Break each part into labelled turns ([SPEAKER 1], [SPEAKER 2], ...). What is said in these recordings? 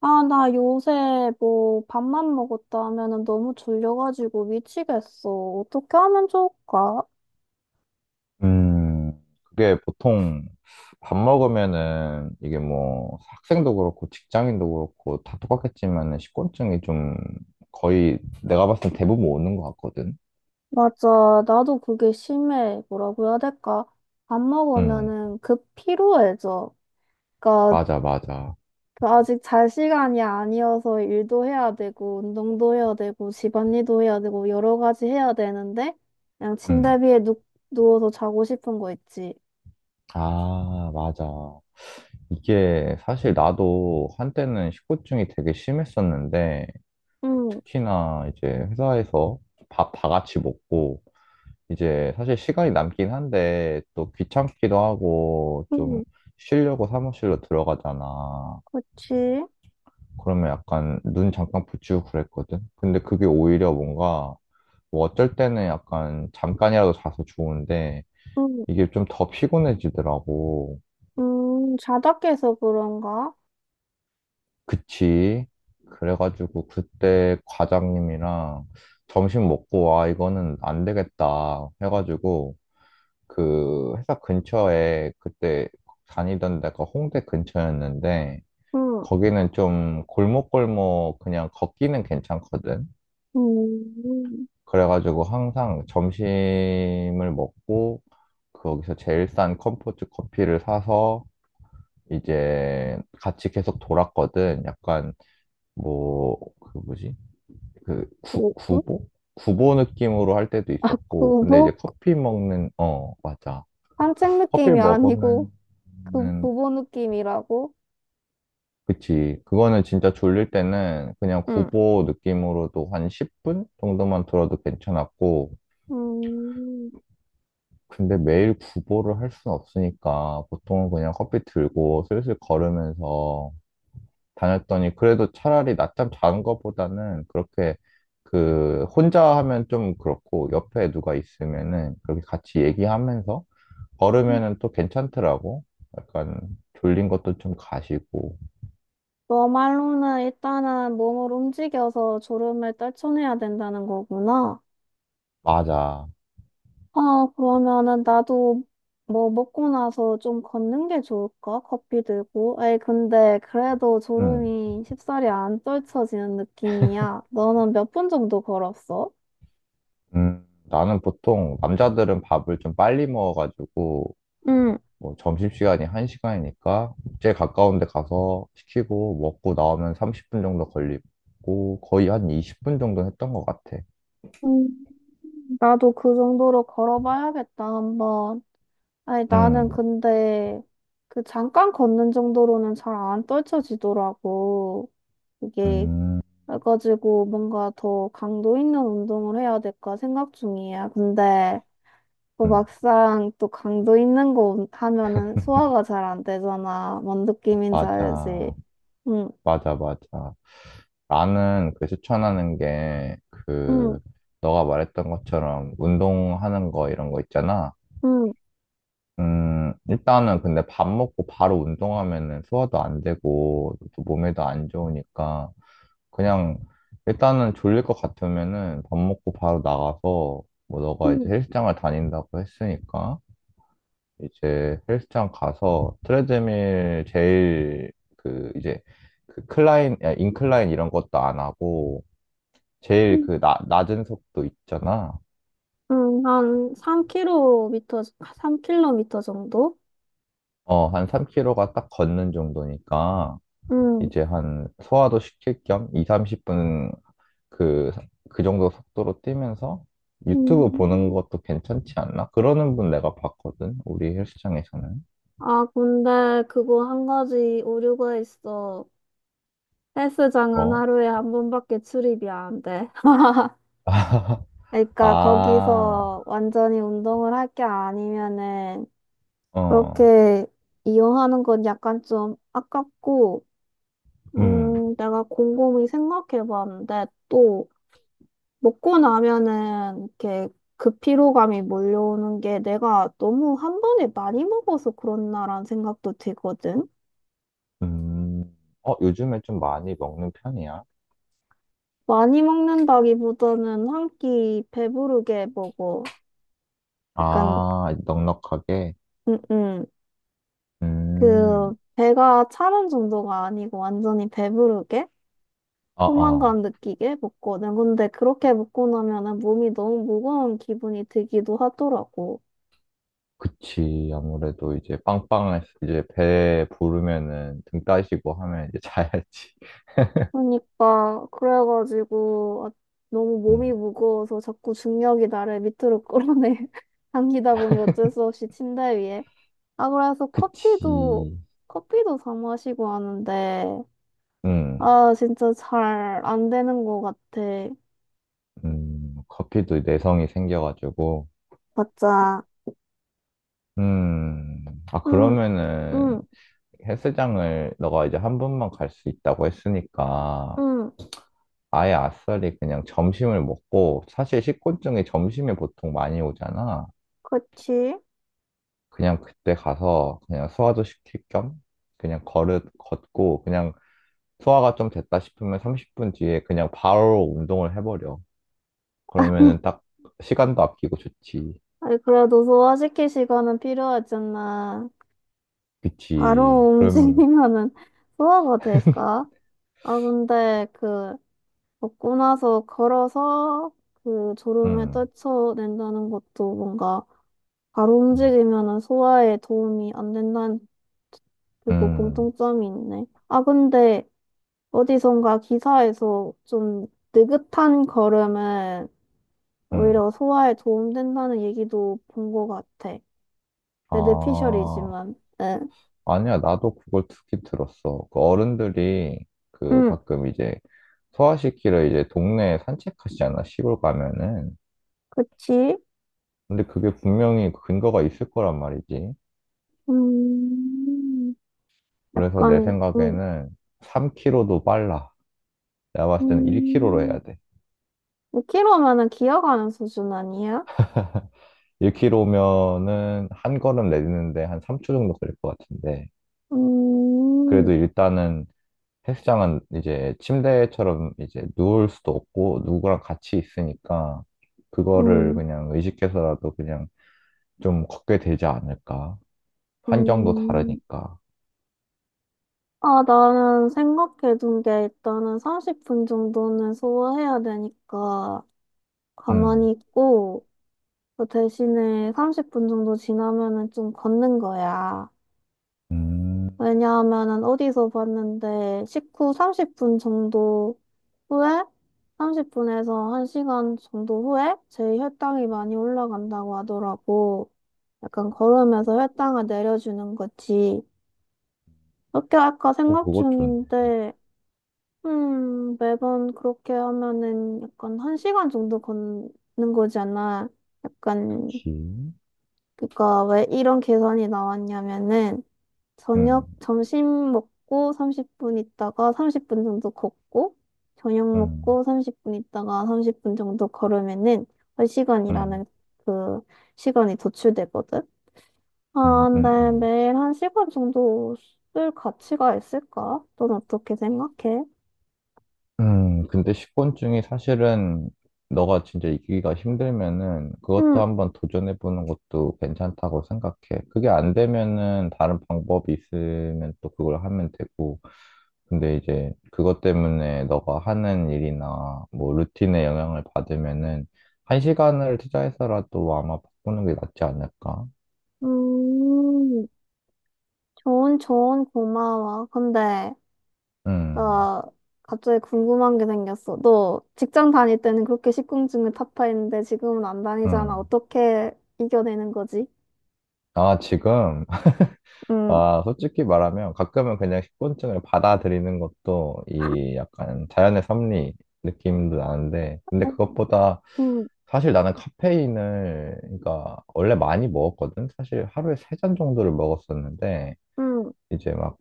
[SPEAKER 1] 아, 나 요새 뭐 밥만 먹었다 하면은 너무 졸려가지고 미치겠어. 어떻게 하면 좋을까?
[SPEAKER 2] 음, 그게 보통 밥 먹으면은 이게 뭐 학생도 그렇고 직장인도 그렇고 다 똑같겠지만은 식곤증이 좀 거의 내가 봤을 때 대부분 오는 것 같거든.
[SPEAKER 1] 맞아. 나도 그게 심해. 뭐라고 해야 될까? 밥
[SPEAKER 2] 음,
[SPEAKER 1] 먹으면은 급 피로해져. 그러니까
[SPEAKER 2] 맞아, 맞아.
[SPEAKER 1] 아직 잘 시간이 아니어서 일도 해야 되고, 운동도 해야 되고, 집안일도 해야 되고, 여러 가지 해야 되는데, 그냥 침대
[SPEAKER 2] 음,
[SPEAKER 1] 위에 누워서 자고 싶은 거 있지.
[SPEAKER 2] 아, 맞아. 이게 사실 나도 한때는 식곤증이 되게 심했었는데
[SPEAKER 1] 응,
[SPEAKER 2] 특히나 이제 회사에서 밥 다 같이 먹고 이제 사실 시간이 남긴 한데 또 귀찮기도 하고 좀
[SPEAKER 1] 응,
[SPEAKER 2] 쉬려고 사무실로 들어가잖아.
[SPEAKER 1] 그치.
[SPEAKER 2] 그러면 약간 눈 잠깐 붙이고 그랬거든. 근데 그게 오히려 뭔가 뭐 어쩔 때는 약간 잠깐이라도 자서 좋은데
[SPEAKER 1] 응,
[SPEAKER 2] 이게 좀 더 피곤해지더라고.
[SPEAKER 1] 자다 깨서 그런가?
[SPEAKER 2] 그치? 그래가지고 그때 과장님이랑 점심 먹고 와 이거는 안 되겠다 해가지고 그 회사 근처에 그때 다니던 데가 홍대 근처였는데
[SPEAKER 1] 응,
[SPEAKER 2] 거기는 좀 골목골목 그냥 걷기는 괜찮거든.
[SPEAKER 1] 음,
[SPEAKER 2] 그래가지고 항상 점심을 먹고 거기서 제일 싼 컴포트 커피를 사서 이제 같이 계속 돌았거든. 약간 뭐 그 뭐지? 그 구,
[SPEAKER 1] 오, 어?
[SPEAKER 2] 구보? 구보 느낌으로 할 때도
[SPEAKER 1] 아,
[SPEAKER 2] 있었고 근데 이제
[SPEAKER 1] 구보?
[SPEAKER 2] 커피 먹는 어 맞아.
[SPEAKER 1] 산책
[SPEAKER 2] 커피를
[SPEAKER 1] 느낌이 아니고,
[SPEAKER 2] 먹으면
[SPEAKER 1] 그 구보 느낌이라고?
[SPEAKER 2] 그치. 그거는 진짜 졸릴 때는 그냥
[SPEAKER 1] 응.
[SPEAKER 2] 구보 느낌으로도 한 10분 정도만 들어도 괜찮았고,
[SPEAKER 1] 음,
[SPEAKER 2] 근데 매일 구보를 할 수는 없으니까 보통은 그냥 커피 들고 슬슬 걸으면서 다녔더니 그래도 차라리 낮잠 자는 것보다는 그렇게 그 혼자 하면 좀 그렇고 옆에 누가 있으면은 그렇게 같이 얘기하면서 걸으면은 또 괜찮더라고. 약간 졸린 것도 좀 가시고.
[SPEAKER 1] 너 말로는 일단은 몸을 움직여서 졸음을 떨쳐내야 된다는 거구나.
[SPEAKER 2] 맞아.
[SPEAKER 1] 아, 그러면은 나도 뭐 먹고 나서 좀 걷는 게 좋을까? 커피 들고. 에이, 근데 그래도
[SPEAKER 2] 응.
[SPEAKER 1] 졸음이 쉽사리 안 떨쳐지는 느낌이야. 너는 몇 분 정도 걸었어?
[SPEAKER 2] 나는 보통 남자들은 밥을 좀 빨리 먹어가지고
[SPEAKER 1] 응.
[SPEAKER 2] 뭐 점심시간이 1시간이니까 제일 가까운 데 가서 시키고 먹고 나오면 30분 정도 걸리고 거의 한 20분 정도 했던 것 같아.
[SPEAKER 1] 나도 그 정도로 걸어봐야겠다, 한번. 아니, 나는
[SPEAKER 2] 음,
[SPEAKER 1] 근데 그 잠깐 걷는 정도로는 잘 안 떨쳐지더라고. 이게,
[SPEAKER 2] 음,
[SPEAKER 1] 그래가지고 뭔가 더 강도 있는 운동을 해야 될까 생각 중이야. 근데 또
[SPEAKER 2] 음,
[SPEAKER 1] 막상 또 강도 있는 거 하면은 소화가 잘 안 되잖아. 뭔 느낌인지 알지?
[SPEAKER 2] 맞아,
[SPEAKER 1] 응,
[SPEAKER 2] 맞아, 맞아. 나는 그 추천하는 게
[SPEAKER 1] 응,
[SPEAKER 2] 그 너가 말했던 것처럼 운동하는 거 이런 거 있잖아.
[SPEAKER 1] 응,
[SPEAKER 2] 일단은 근데 밥 먹고 바로 운동하면은 소화도 안 되고, 또 몸에도 안 좋으니까, 그냥, 일단은 졸릴 것 같으면은 밥 먹고 바로 나가서, 뭐 너가 이제
[SPEAKER 1] 응,
[SPEAKER 2] 헬스장을 다닌다고 했으니까, 이제 헬스장 가서 트레드밀 제일 그 이제 그 인클라인 이런 것도 안 하고,
[SPEAKER 1] 응.
[SPEAKER 2] 제일 그 낮은 속도 있잖아.
[SPEAKER 1] 응, 한 3km, 3km 정도?
[SPEAKER 2] 어, 한 3km가 딱 걷는 정도니까,
[SPEAKER 1] 응.
[SPEAKER 2] 이제 한 소화도 시킬 겸 2, 30분 그, 그 정도 속도로 뛰면서 유튜브 보는
[SPEAKER 1] 음.
[SPEAKER 2] 것도 괜찮지 않나? 그러는 분 내가 봤거든, 우리 헬스장에서는.
[SPEAKER 1] 아, 근데 그거 한 가지 오류가 있어. 헬스장은
[SPEAKER 2] 어?
[SPEAKER 1] 하루에 한 번밖에 출입이 안 돼. 그러니까
[SPEAKER 2] 아,
[SPEAKER 1] 거기서 완전히 운동을 할 게 아니면은
[SPEAKER 2] 어,
[SPEAKER 1] 그렇게 이용하는 건 약간 좀 아깝고,
[SPEAKER 2] 음,
[SPEAKER 1] 내가 곰곰이 생각해 봤는데 또 먹고 나면은 이렇게 그 피로감이 몰려오는 게 내가 너무 한 번에 많이 먹어서 그렇나라는 생각도 들거든.
[SPEAKER 2] 음. 어, 요즘에 좀 많이 먹는 편이야?
[SPEAKER 1] 많이 먹는다기보다는 한 끼 배부르게 먹어. 약간,
[SPEAKER 2] 아, 넉넉하게?
[SPEAKER 1] 음, 음. 그,
[SPEAKER 2] 음,
[SPEAKER 1] 배가 차는 정도가 아니고 완전히 배부르게?
[SPEAKER 2] 아, 아.
[SPEAKER 1] 포만감 느끼게 먹거든. 근데 그렇게 먹고 나면은 몸이 너무 무거운 기분이 들기도 하더라고.
[SPEAKER 2] 그치. 아무래도 이제 빵빵해서 이제 배 부르면은 등 따시고 하면 이제 자야지.
[SPEAKER 1] 그러니까, 그래가지고, 아, 너무 몸이
[SPEAKER 2] 음.
[SPEAKER 1] 무거워서 자꾸 중력이 나를 밑으로 끌어내. 당기다 보니 어쩔 수 없이 침대 위에. 아, 그래서 커피도,
[SPEAKER 2] 그치.
[SPEAKER 1] 커피도 사 마시고 하는데,
[SPEAKER 2] 음,
[SPEAKER 1] 아, 진짜 잘 안 되는 것 같아.
[SPEAKER 2] 커피도 내성이 생겨가지고.
[SPEAKER 1] 맞아.
[SPEAKER 2] 음,
[SPEAKER 1] 응,
[SPEAKER 2] 그러면은
[SPEAKER 1] 응,
[SPEAKER 2] 헬스장을 너가 이제 한 번만 갈 수 있다고 했으니까
[SPEAKER 1] 응,
[SPEAKER 2] 아예 아싸리 그냥 점심을 먹고 사실 식곤증이 점심에 보통 많이 오잖아.
[SPEAKER 1] 그치?
[SPEAKER 2] 그냥 그때 가서 그냥 소화도 시킬 겸 그냥 걸을 걷고 그냥 소화가 좀 됐다 싶으면 30분 뒤에 그냥 바로 운동을 해버려. 그러면은 딱 시간도 아끼고 좋지.
[SPEAKER 1] 아니, 그래도 소화시킬 시간은 필요하잖아.
[SPEAKER 2] 그치.
[SPEAKER 1] 바로
[SPEAKER 2] 그럼,
[SPEAKER 1] 움직이면은 소화가 될까? 아, 근데 그, 먹고 나서 걸어서 그 졸음에
[SPEAKER 2] 음,
[SPEAKER 1] 떨쳐낸다는 것도 뭔가 바로
[SPEAKER 2] 음,
[SPEAKER 1] 움직이면은 소화에 도움이 안 된다는 그리고
[SPEAKER 2] 음,
[SPEAKER 1] 공통점이 있네. 아, 근데 어디선가 기사에서 좀 느긋한 걸음은
[SPEAKER 2] 음.
[SPEAKER 1] 오히려 소화에 도움된다는 얘기도 본 것 같아.
[SPEAKER 2] 아,
[SPEAKER 1] 레드피셜이지만, 응.
[SPEAKER 2] 아니야. 나도 그걸 듣긴 들었어. 그 어른들이 그
[SPEAKER 1] 응,
[SPEAKER 2] 가끔 이제 소아시키를 이제 동네에 산책하시잖아. 시골 가면은.
[SPEAKER 1] 그치?
[SPEAKER 2] 근데 그게 분명히 그 근거가 있을 거란 말이지.
[SPEAKER 1] 음,
[SPEAKER 2] 그래서 내
[SPEAKER 1] 약간, 응,
[SPEAKER 2] 생각에는 3km도 빨라. 내가 봤을 때는 1km로
[SPEAKER 1] 음,
[SPEAKER 2] 해야 돼.
[SPEAKER 1] 5K 로면은 기어가는 수준 아니야?
[SPEAKER 2] 1km면은 한 걸음 내딛는데 한 3초 정도 걸릴 것 같은데.
[SPEAKER 1] 음,
[SPEAKER 2] 그래도 일단은 헬스장은 이제 침대처럼 이제 누울 수도 없고 누구랑 같이 있으니까 그거를
[SPEAKER 1] 음,
[SPEAKER 2] 그냥 의식해서라도 그냥 좀 걷게 되지 않을까. 환경도
[SPEAKER 1] 음.
[SPEAKER 2] 다르니까.
[SPEAKER 1] 아, 나는 생각해둔 게 일단은 30분 정도는 소화해야 되니까
[SPEAKER 2] 음,
[SPEAKER 1] 가만히 있고, 그 대신에 30분 정도 지나면은 좀 걷는 거야.
[SPEAKER 2] 음,
[SPEAKER 1] 왜냐하면은 어디서 봤는데 식후 30분 정도 후에 30분에서 1시간 정도 후에 제 혈당이 많이 올라간다고 하더라고. 약간 걸으면서 혈당을 내려주는 거지. 그렇게 할까
[SPEAKER 2] 어,
[SPEAKER 1] 생각
[SPEAKER 2] 그거 좋네.
[SPEAKER 1] 중인데, 매번 그렇게 하면은 약간 1시간 정도 걷는 거잖아. 약간
[SPEAKER 2] 그치?
[SPEAKER 1] 그러니까 왜 이런 계산이 나왔냐면은
[SPEAKER 2] 음,
[SPEAKER 1] 저녁 점심 먹고 30분 있다가 30분 정도 걷고 저녁
[SPEAKER 2] 음,
[SPEAKER 1] 먹고 30분 있다가 30분 정도 걸으면은 한 시간이라
[SPEAKER 2] 음,
[SPEAKER 1] 는 그 시간이 도출되거든.
[SPEAKER 2] 음,
[SPEAKER 1] 아,
[SPEAKER 2] 음,
[SPEAKER 1] 근데
[SPEAKER 2] 음.
[SPEAKER 1] 매일 1시간 정도 쓸 가치가 있을까? 넌 어떻게 생각해?
[SPEAKER 2] 근데 식곤증이 사실은 너가 진짜 이기기가 힘들면은 그것도
[SPEAKER 1] 응,
[SPEAKER 2] 한번 도전해보는 것도 괜찮다고 생각해. 그게 안 되면은 다른 방법이 있으면 또 그걸 하면 되고. 근데 이제 그것 때문에 너가 하는 일이나 뭐 루틴에 영향을 받으면은 한 시간을 투자해서라도 아마 바꾸는 게 낫지 않을까?
[SPEAKER 1] 음, 좋은 고마워. 근데
[SPEAKER 2] 음,
[SPEAKER 1] 나 갑자기 궁금한 게 생겼어. 너 직장 다닐 때는 그렇게 식곤증을 타파했는데 지금은 안 다니잖아.
[SPEAKER 2] 음.
[SPEAKER 1] 어떻게 이겨내는 거지?
[SPEAKER 2] 아, 지금
[SPEAKER 1] 응,
[SPEAKER 2] 솔직히 말하면 가끔은 그냥 식곤증을 받아들이는 것도 이 약간 자연의 섭리 느낌도 나는데, 근데 그것보다
[SPEAKER 1] 응,
[SPEAKER 2] 사실 나는 카페인을, 그러니까 원래 많이 먹었거든? 사실 하루에 세 잔 정도를 먹었었는데,
[SPEAKER 1] 응,
[SPEAKER 2] 이제 막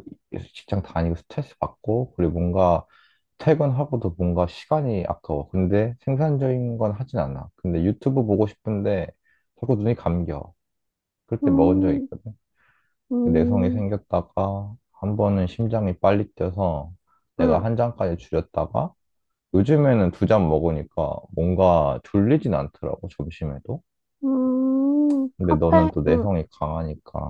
[SPEAKER 2] 직장 다니고 스트레스 받고, 그리고 뭔가 퇴근하고도 뭔가 시간이 아까워. 근데 생산적인 건 하진 않아. 근데 유튜브 보고 싶은데 자꾸 눈이 감겨. 그럴 때 먹은 적이
[SPEAKER 1] 응,
[SPEAKER 2] 있거든. 내성이
[SPEAKER 1] 응,
[SPEAKER 2] 생겼다가 한 번은 심장이 빨리 뛰어서 내가
[SPEAKER 1] 응,
[SPEAKER 2] 한 잔까지 줄였다가 요즘에는 두 잔 먹으니까 뭔가 졸리진 않더라고 점심에도.
[SPEAKER 1] 응.
[SPEAKER 2] 근데 너는
[SPEAKER 1] 카페,
[SPEAKER 2] 또
[SPEAKER 1] 응.
[SPEAKER 2] 내성이 강하니까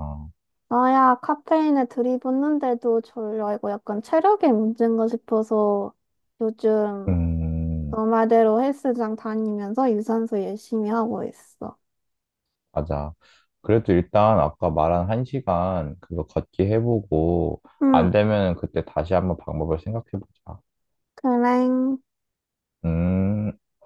[SPEAKER 1] 나야 카페인에 들이붓는데도 졸려. 이거 약간 체력의 문제인가 싶어서 요즘
[SPEAKER 2] 음
[SPEAKER 1] 너 말대로 헬스장 다니면서 유산소 열심히 하고 있어.
[SPEAKER 2] 맞아. 그래도 일단 아까 말한 한 시간 그거 걷기 해보고
[SPEAKER 1] 응,
[SPEAKER 2] 안 되면 그때 다시 한번 방법을 생각해보자.
[SPEAKER 1] 그래.
[SPEAKER 2] 음.